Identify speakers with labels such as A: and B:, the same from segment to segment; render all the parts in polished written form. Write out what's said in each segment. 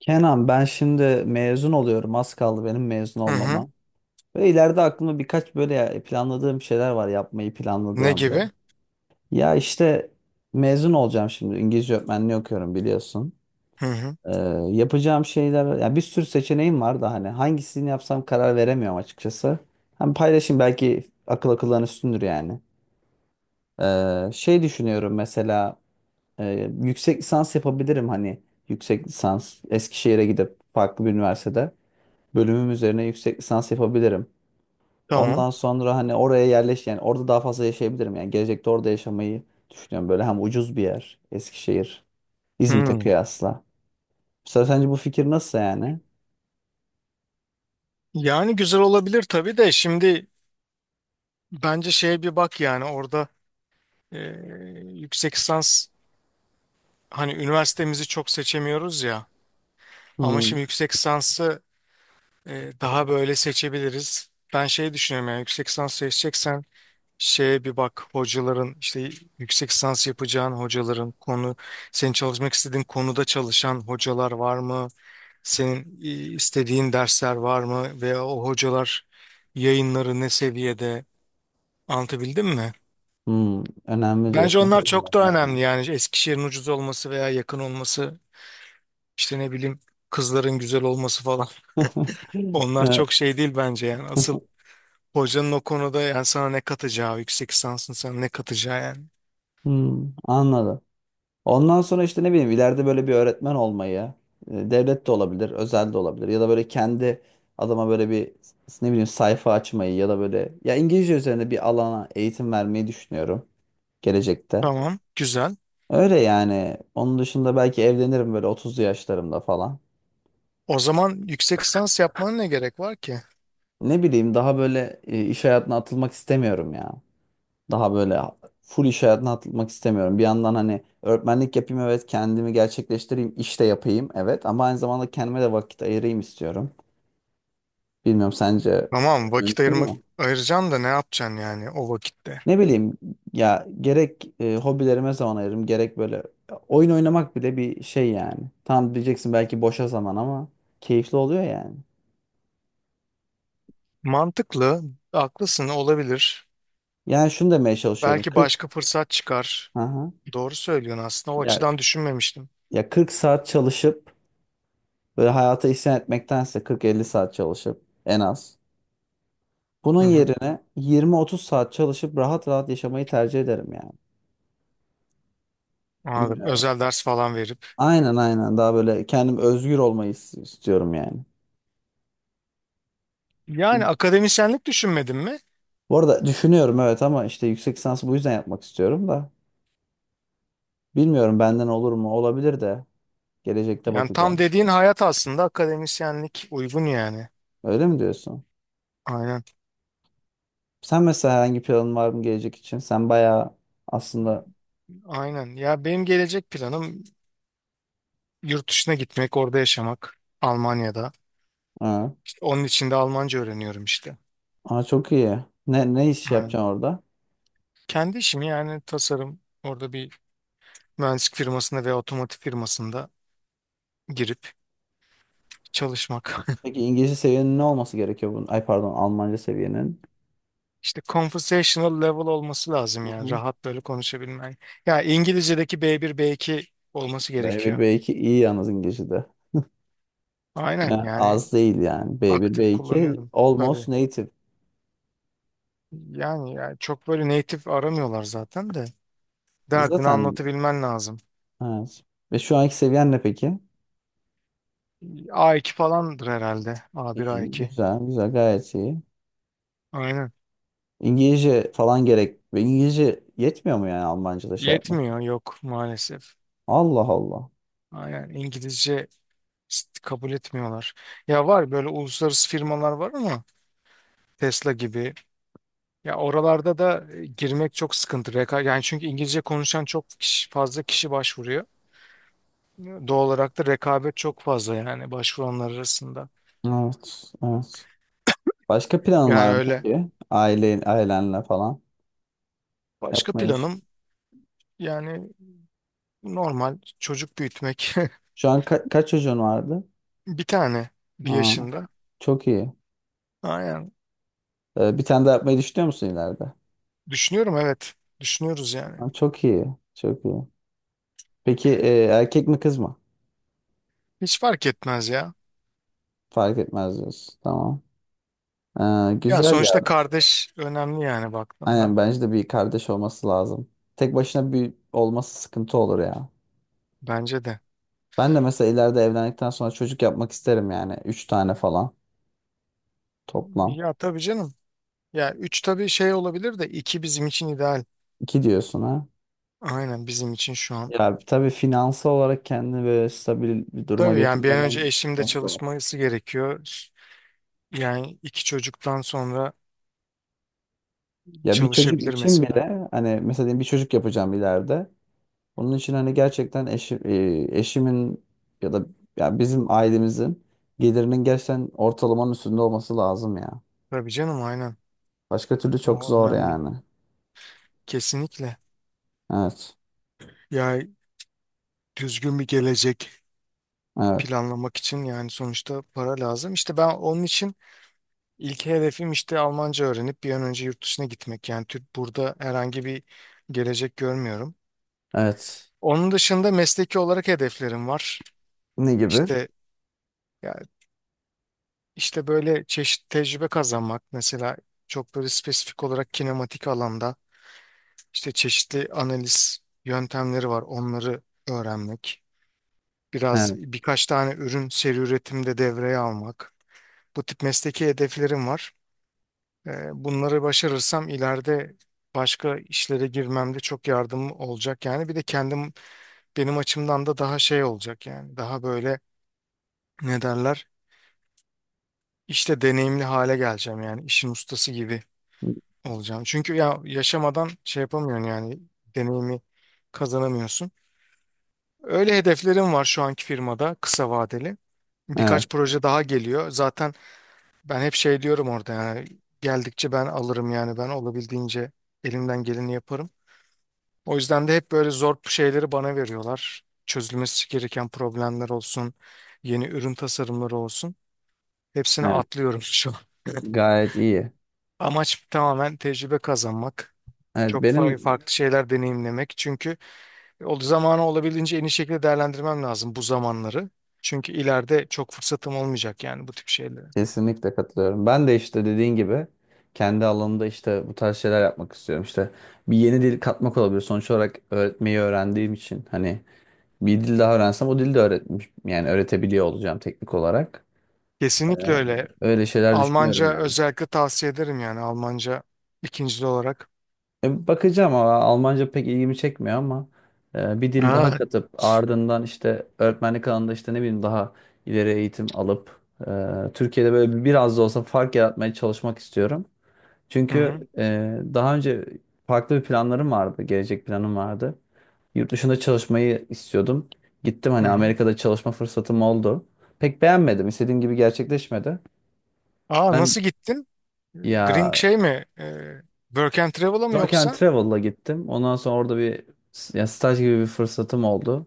A: Kenan ben şimdi mezun oluyorum. Az kaldı benim mezun
B: Hı hı.
A: olmama. Ve ileride aklımda birkaç böyle planladığım şeyler var yapmayı
B: Ne
A: planladığım böyle.
B: gibi?
A: Ya işte mezun olacağım şimdi. İngilizce öğretmenliği okuyorum biliyorsun.
B: Hı hı.
A: Ee, yapacağım şeyler ya bir sürü seçeneğim var da hani hangisini yapsam karar veremiyorum açıkçası. Hem paylaşayım belki akıl akıldan üstündür yani. Şey düşünüyorum mesela yüksek lisans yapabilirim hani yüksek lisans Eskişehir'e gidip farklı bir üniversitede, bölümüm üzerine yüksek lisans yapabilirim.
B: Tamam.
A: Ondan sonra hani oraya yerleş yani orada daha fazla yaşayabilirim. Yani gelecekte orada yaşamayı düşünüyorum. Böyle hem ucuz bir yer Eskişehir, İzmit'e
B: Hı.
A: kıyasla. Mesela sence bu fikir nasıl yani?
B: Yani güzel olabilir tabii de şimdi bence şeye bir bak yani orada e, yüksek lisans hani üniversitemizi çok seçemiyoruz ya ama
A: Hmm,
B: şimdi yüksek lisansı daha böyle seçebiliriz. Ben şey düşünüyorum yani yüksek lisans seçeceksen şeye bir bak hocaların işte yüksek lisans yapacağın hocaların konu senin çalışmak istediğin konuda çalışan hocalar var mı? Senin istediğin dersler var mı veya o hocalar yayınları ne seviyede anlatabildim mi?
A: önemli
B: Bence
A: diyorsun.
B: onlar
A: Yapabilirim.
B: çok da önemli
A: Anladım.
B: yani Eskişehir'in ucuz olması veya yakın olması işte ne bileyim kızların güzel olması falan. Onlar çok şey değil bence yani asıl hocanın o konuda yani sana ne katacağı yüksek lisansın sana ne katacağı yani.
A: Hmm, anladım. Ondan sonra işte ne bileyim ileride böyle bir öğretmen olmayı devlet de olabilir, özel de olabilir ya da böyle kendi adama böyle bir ne bileyim sayfa açmayı ya da böyle ya İngilizce üzerine bir alana eğitim vermeyi düşünüyorum gelecekte.
B: Tamam, güzel.
A: Öyle yani. Onun dışında belki evlenirim böyle 30'lu yaşlarımda falan.
B: O zaman yüksek lisans yapmana ne gerek var ki?
A: Ne bileyim daha böyle iş hayatına atılmak istemiyorum ya. Daha böyle full iş hayatına atılmak istemiyorum. Bir yandan hani öğretmenlik yapayım, evet, kendimi gerçekleştireyim, iş de yapayım, evet, ama aynı zamanda kendime de vakit ayırayım istiyorum. Bilmiyorum, sence
B: Tamam, vakit
A: mümkün
B: ayırmak
A: mü?
B: ayıracaksın da ne yapacaksın yani o vakitte?
A: Ne bileyim, ya gerek hobilerime zaman ayırırım gerek böyle oyun oynamak bile bir şey yani. Tam diyeceksin belki boşa zaman ama keyifli oluyor yani.
B: Mantıklı, haklısın, olabilir.
A: Yani şunu demeye çalışıyorum.
B: Belki
A: 40.
B: başka fırsat çıkar.
A: Aha.
B: Doğru söylüyorsun aslında. O
A: Ya
B: açıdan düşünmemiştim.
A: ya 40 saat çalışıp böyle hayata isyan etmektense 40-50 saat çalışıp en az, bunun
B: Hı hı,
A: yerine 20-30 saat çalışıp rahat rahat yaşamayı tercih ederim yani.
B: anladım.
A: Bilmiyorum.
B: Özel ders falan verip.
A: Aynen, aynen, daha böyle kendim özgür olmayı istiyorum yani. Hı.
B: Yani akademisyenlik düşünmedin mi?
A: Bu arada düşünüyorum evet, ama işte yüksek lisansı bu yüzden yapmak istiyorum da. Bilmiyorum, benden olur mu? Olabilir de. Gelecekte
B: Yani tam
A: bakacağız.
B: dediğin hayat aslında akademisyenlik uygun yani.
A: Öyle mi diyorsun?
B: Aynen.
A: Sen mesela herhangi planın var mı gelecek için? Sen bayağı aslında...
B: Aynen. Ya benim gelecek planım yurt dışına gitmek, orada yaşamak. Almanya'da.
A: Ha.
B: İşte onun için de Almanca öğreniyorum işte.
A: Aa, çok iyi. Ne iş
B: Aynen.
A: yapacaksın orada?
B: Kendi işimi yani, tasarım. Orada bir mühendislik firmasında veya otomotiv firmasında girip çalışmak.
A: Peki İngilizce seviyenin ne olması gerekiyor bunun? Ay pardon, Almanca seviyenin.
B: İşte conversational level olması lazım
A: Hı
B: yani
A: hı.
B: rahat böyle konuşabilmen. Ya İngilizce'deki B1 B2 olması
A: B1
B: gerekiyor.
A: B2 iyi yalnız İngilizce'de.
B: Aynen
A: Yani
B: yani,
A: az değil yani. B1
B: aktif
A: B2
B: kullanıyorum
A: almost
B: tabii.
A: native.
B: Yani, çok böyle native aramıyorlar zaten de derdini
A: Zaten
B: anlatabilmen lazım.
A: evet. Ve şu anki seviyen ne peki?
B: A2 falandır herhalde. A1
A: İyi,
B: A2.
A: güzel, güzel, gayet iyi.
B: Aynen.
A: İngilizce falan gerek. Ve İngilizce yetmiyor mu yani Almanca'da şey yapmak?
B: Yetmiyor, yok maalesef.
A: Allah Allah.
B: Aynen, İngilizce kabul etmiyorlar. Ya var böyle uluslararası firmalar var ama, Tesla gibi. Ya oralarda da girmek çok sıkıntı. Reka yani, çünkü İngilizce konuşan çok kişi, fazla kişi başvuruyor. Doğal olarak da rekabet çok fazla yani başvuranlar arasında.
A: Evet, evet. Başka planın
B: Yani
A: var mı
B: öyle.
A: peki? Ailenle falan
B: Başka
A: yapmayı düş-
B: planım yani normal, çocuk büyütmek.
A: Şu an kaç çocuğun vardı?
B: Bir tane, bir
A: Aa,
B: yaşında.
A: çok iyi.
B: Aynen.
A: Bir tane daha yapmayı düşünüyor musun ileride?
B: Düşünüyorum, evet. Düşünüyoruz yani.
A: Aa, çok iyi, çok iyi. Peki erkek mi kız mı?
B: Hiç fark etmez ya.
A: Fark etmez diyorsun. Tamam.
B: Yani
A: Güzel ya.
B: sonuçta kardeş önemli yani
A: Aynen,
B: baktığında.
A: bence de bir kardeş olması lazım. Tek başına bir olması sıkıntı olur ya.
B: Bence de.
A: Ben de mesela ileride evlendikten sonra çocuk yapmak isterim yani. Üç tane falan toplam.
B: Ya tabii canım. Ya üç tabii şey olabilir de, iki bizim için ideal.
A: İki diyorsun ha.
B: Aynen, bizim için şu an.
A: Ya tabii finansal olarak kendini böyle stabil bir duruma
B: Tabii yani bir an önce
A: getirmeden
B: eşim de
A: çok zor.
B: çalışması gerekiyor. Yani iki çocuktan sonra
A: Ya bir çocuk
B: çalışabilir
A: için
B: mesela.
A: bile hani mesela diyelim bir çocuk yapacağım ileride. Onun için hani gerçekten eşimin ya da ya bizim ailemizin gelirinin gerçekten ortalamanın üstünde olması lazım ya.
B: Tabii canım, aynen.
A: Başka türlü çok
B: O
A: zor
B: önemli.
A: yani.
B: Kesinlikle.
A: Evet.
B: Ya, düzgün bir gelecek
A: Evet.
B: planlamak için yani sonuçta para lazım. İşte ben onun için ilk hedefim işte Almanca öğrenip bir an önce yurt dışına gitmek. Yani Türk burada herhangi bir gelecek görmüyorum.
A: Evet.
B: Onun dışında mesleki olarak hedeflerim var.
A: Ne gibi?
B: İşte, ya, İşte böyle çeşitli tecrübe kazanmak mesela, çok böyle spesifik olarak kinematik alanda işte çeşitli analiz yöntemleri var, onları öğrenmek. Biraz
A: Evet.
B: birkaç tane ürün seri üretimde devreye almak. Bu tip mesleki hedeflerim var. Bunları başarırsam ileride başka işlere girmemde çok yardım olacak yani. Bir de kendim, benim açımdan da daha şey olacak yani. Daha böyle, ne derler? İşte deneyimli hale geleceğim yani, işin ustası gibi olacağım. Çünkü ya yaşamadan şey yapamıyorsun yani deneyimi kazanamıyorsun. Öyle hedeflerim var şu anki firmada kısa vadeli.
A: Evet.
B: Birkaç proje daha geliyor. Zaten ben hep şey diyorum orada yani, geldikçe ben alırım yani, ben olabildiğince elimden geleni yaparım. O yüzden de hep böyle zor şeyleri bana veriyorlar. Çözülmesi gereken problemler olsun, yeni ürün tasarımları olsun. Hepsini
A: Evet.
B: atlıyorum şu an.
A: Gayet iyi.
B: Amaç tamamen tecrübe kazanmak.
A: Evet,
B: Çok
A: benim
B: farklı şeyler deneyimlemek. Çünkü o zamanı olabildiğince en iyi şekilde değerlendirmem lazım, bu zamanları. Çünkü ileride çok fırsatım olmayacak yani bu tip şeylere.
A: kesinlikle katılıyorum. Ben de işte dediğin gibi kendi alanımda işte bu tarz şeyler yapmak istiyorum. İşte bir yeni dil katmak olabilir. Sonuç olarak öğretmeyi öğrendiğim için hani bir dil daha öğrensem o dili de öğretmiş yani öğretebiliyor olacağım teknik olarak. Ee,
B: Kesinlikle öyle.
A: öyle şeyler düşünüyorum
B: Almanca
A: yani.
B: özellikle tavsiye ederim yani, Almanca ikincili olarak.
A: Bakacağım ama Almanca pek ilgimi çekmiyor, ama bir dil daha
B: Aa.
A: katıp ardından işte öğretmenlik alanında işte ne bileyim daha ileri eğitim alıp Türkiye'de böyle biraz da olsa fark yaratmaya çalışmak istiyorum.
B: Hı
A: Çünkü
B: hı.
A: daha önce farklı bir planlarım vardı, gelecek planım vardı. Yurt dışında çalışmayı istiyordum. Gittim
B: Hı
A: hani,
B: hı.
A: Amerika'da çalışma fırsatım oldu. Pek beğenmedim. İstediğim gibi gerçekleşmedi.
B: Aa,
A: Ben
B: nasıl gittin? Green
A: ya
B: şey mi? Work and Travel'a mı
A: Work and
B: yoksa?
A: Travel'la gittim. Ondan sonra orada bir ya staj gibi bir fırsatım oldu.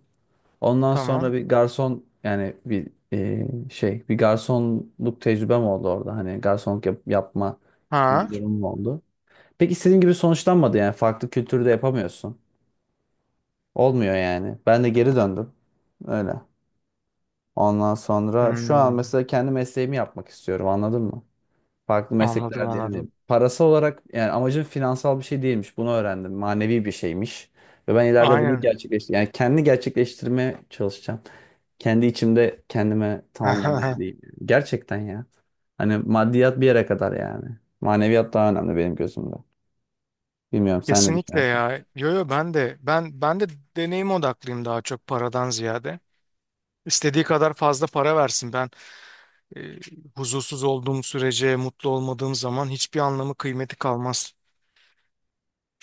A: Ondan sonra
B: Tamam.
A: bir garson yani bir şey, bir garsonluk tecrübem oldu orada. Hani garsonluk yapma gibi
B: Ha.
A: bir durumum oldu. Pek istediğim gibi sonuçlanmadı yani. Farklı kültürde yapamıyorsun. Olmuyor yani. Ben de geri döndüm. Öyle. Ondan sonra şu an
B: Hmm.
A: mesela kendi mesleğimi yapmak istiyorum, anladın mı? Farklı
B: Anladım,
A: meslekler diye
B: anladım.
A: hani parası olarak yani amacım finansal bir şey değilmiş. Bunu öğrendim. Manevi bir şeymiş. Ve ben ileride bunu
B: Aynen.
A: gerçekleştir yani kendi gerçekleştirmeye çalışacağım. Kendi içimde kendime tamamlamaya değil. Gerçekten ya. Hani maddiyat bir yere kadar yani. Maneviyat daha önemli benim gözümde. Bilmiyorum, sen de
B: Kesinlikle
A: düşünüyorsun.
B: ya. Yo yo, ben de deneyim odaklıyım daha çok, paradan ziyade. İstediği kadar fazla para versin. Ben e, huzursuz olduğum sürece, mutlu olmadığım zaman hiçbir anlamı, kıymeti kalmaz.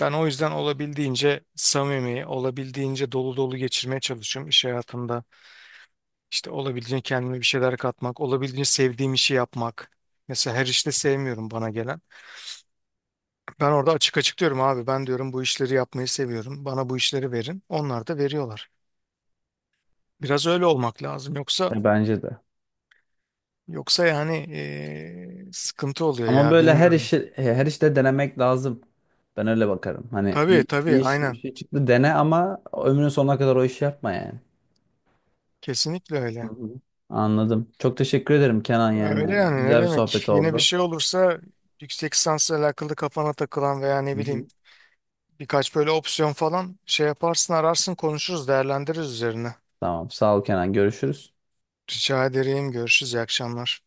B: Ben o yüzden olabildiğince samimi, olabildiğince dolu dolu geçirmeye çalışıyorum iş hayatımda. İşte olabildiğince kendime bir şeyler katmak, olabildiğince sevdiğim işi yapmak. Mesela her işte sevmiyorum bana gelen. Ben orada açık açık diyorum, abi ben diyorum bu işleri yapmayı seviyorum. Bana bu işleri verin. Onlar da veriyorlar. Biraz öyle olmak lazım. Yoksa
A: Bence de.
B: yoksa yani sıkıntı oluyor
A: Ama
B: ya,
A: böyle her
B: bilmiyorum.
A: işi her işte denemek lazım. Ben öyle bakarım. Hani
B: Tabii
A: bir
B: tabii,
A: iş bir
B: aynen.
A: şey çıktı dene, ama ömrünün sonuna kadar o işi yapma yani.
B: Kesinlikle
A: Hı
B: öyle.
A: hı. Anladım. Çok teşekkür ederim Kenan
B: Öyle
A: yani.
B: yani, ne
A: Güzel bir
B: demek.
A: sohbet
B: Yine bir
A: oldu.
B: şey olursa, yüksek lisansla alakalı kafana takılan veya
A: Hı
B: ne
A: hı.
B: bileyim birkaç böyle opsiyon falan, şey yaparsın, ararsın, konuşuruz, değerlendiririz üzerine.
A: Tamam. Sağ ol Kenan. Görüşürüz.
B: Rica ederim, görüşürüz, iyi akşamlar.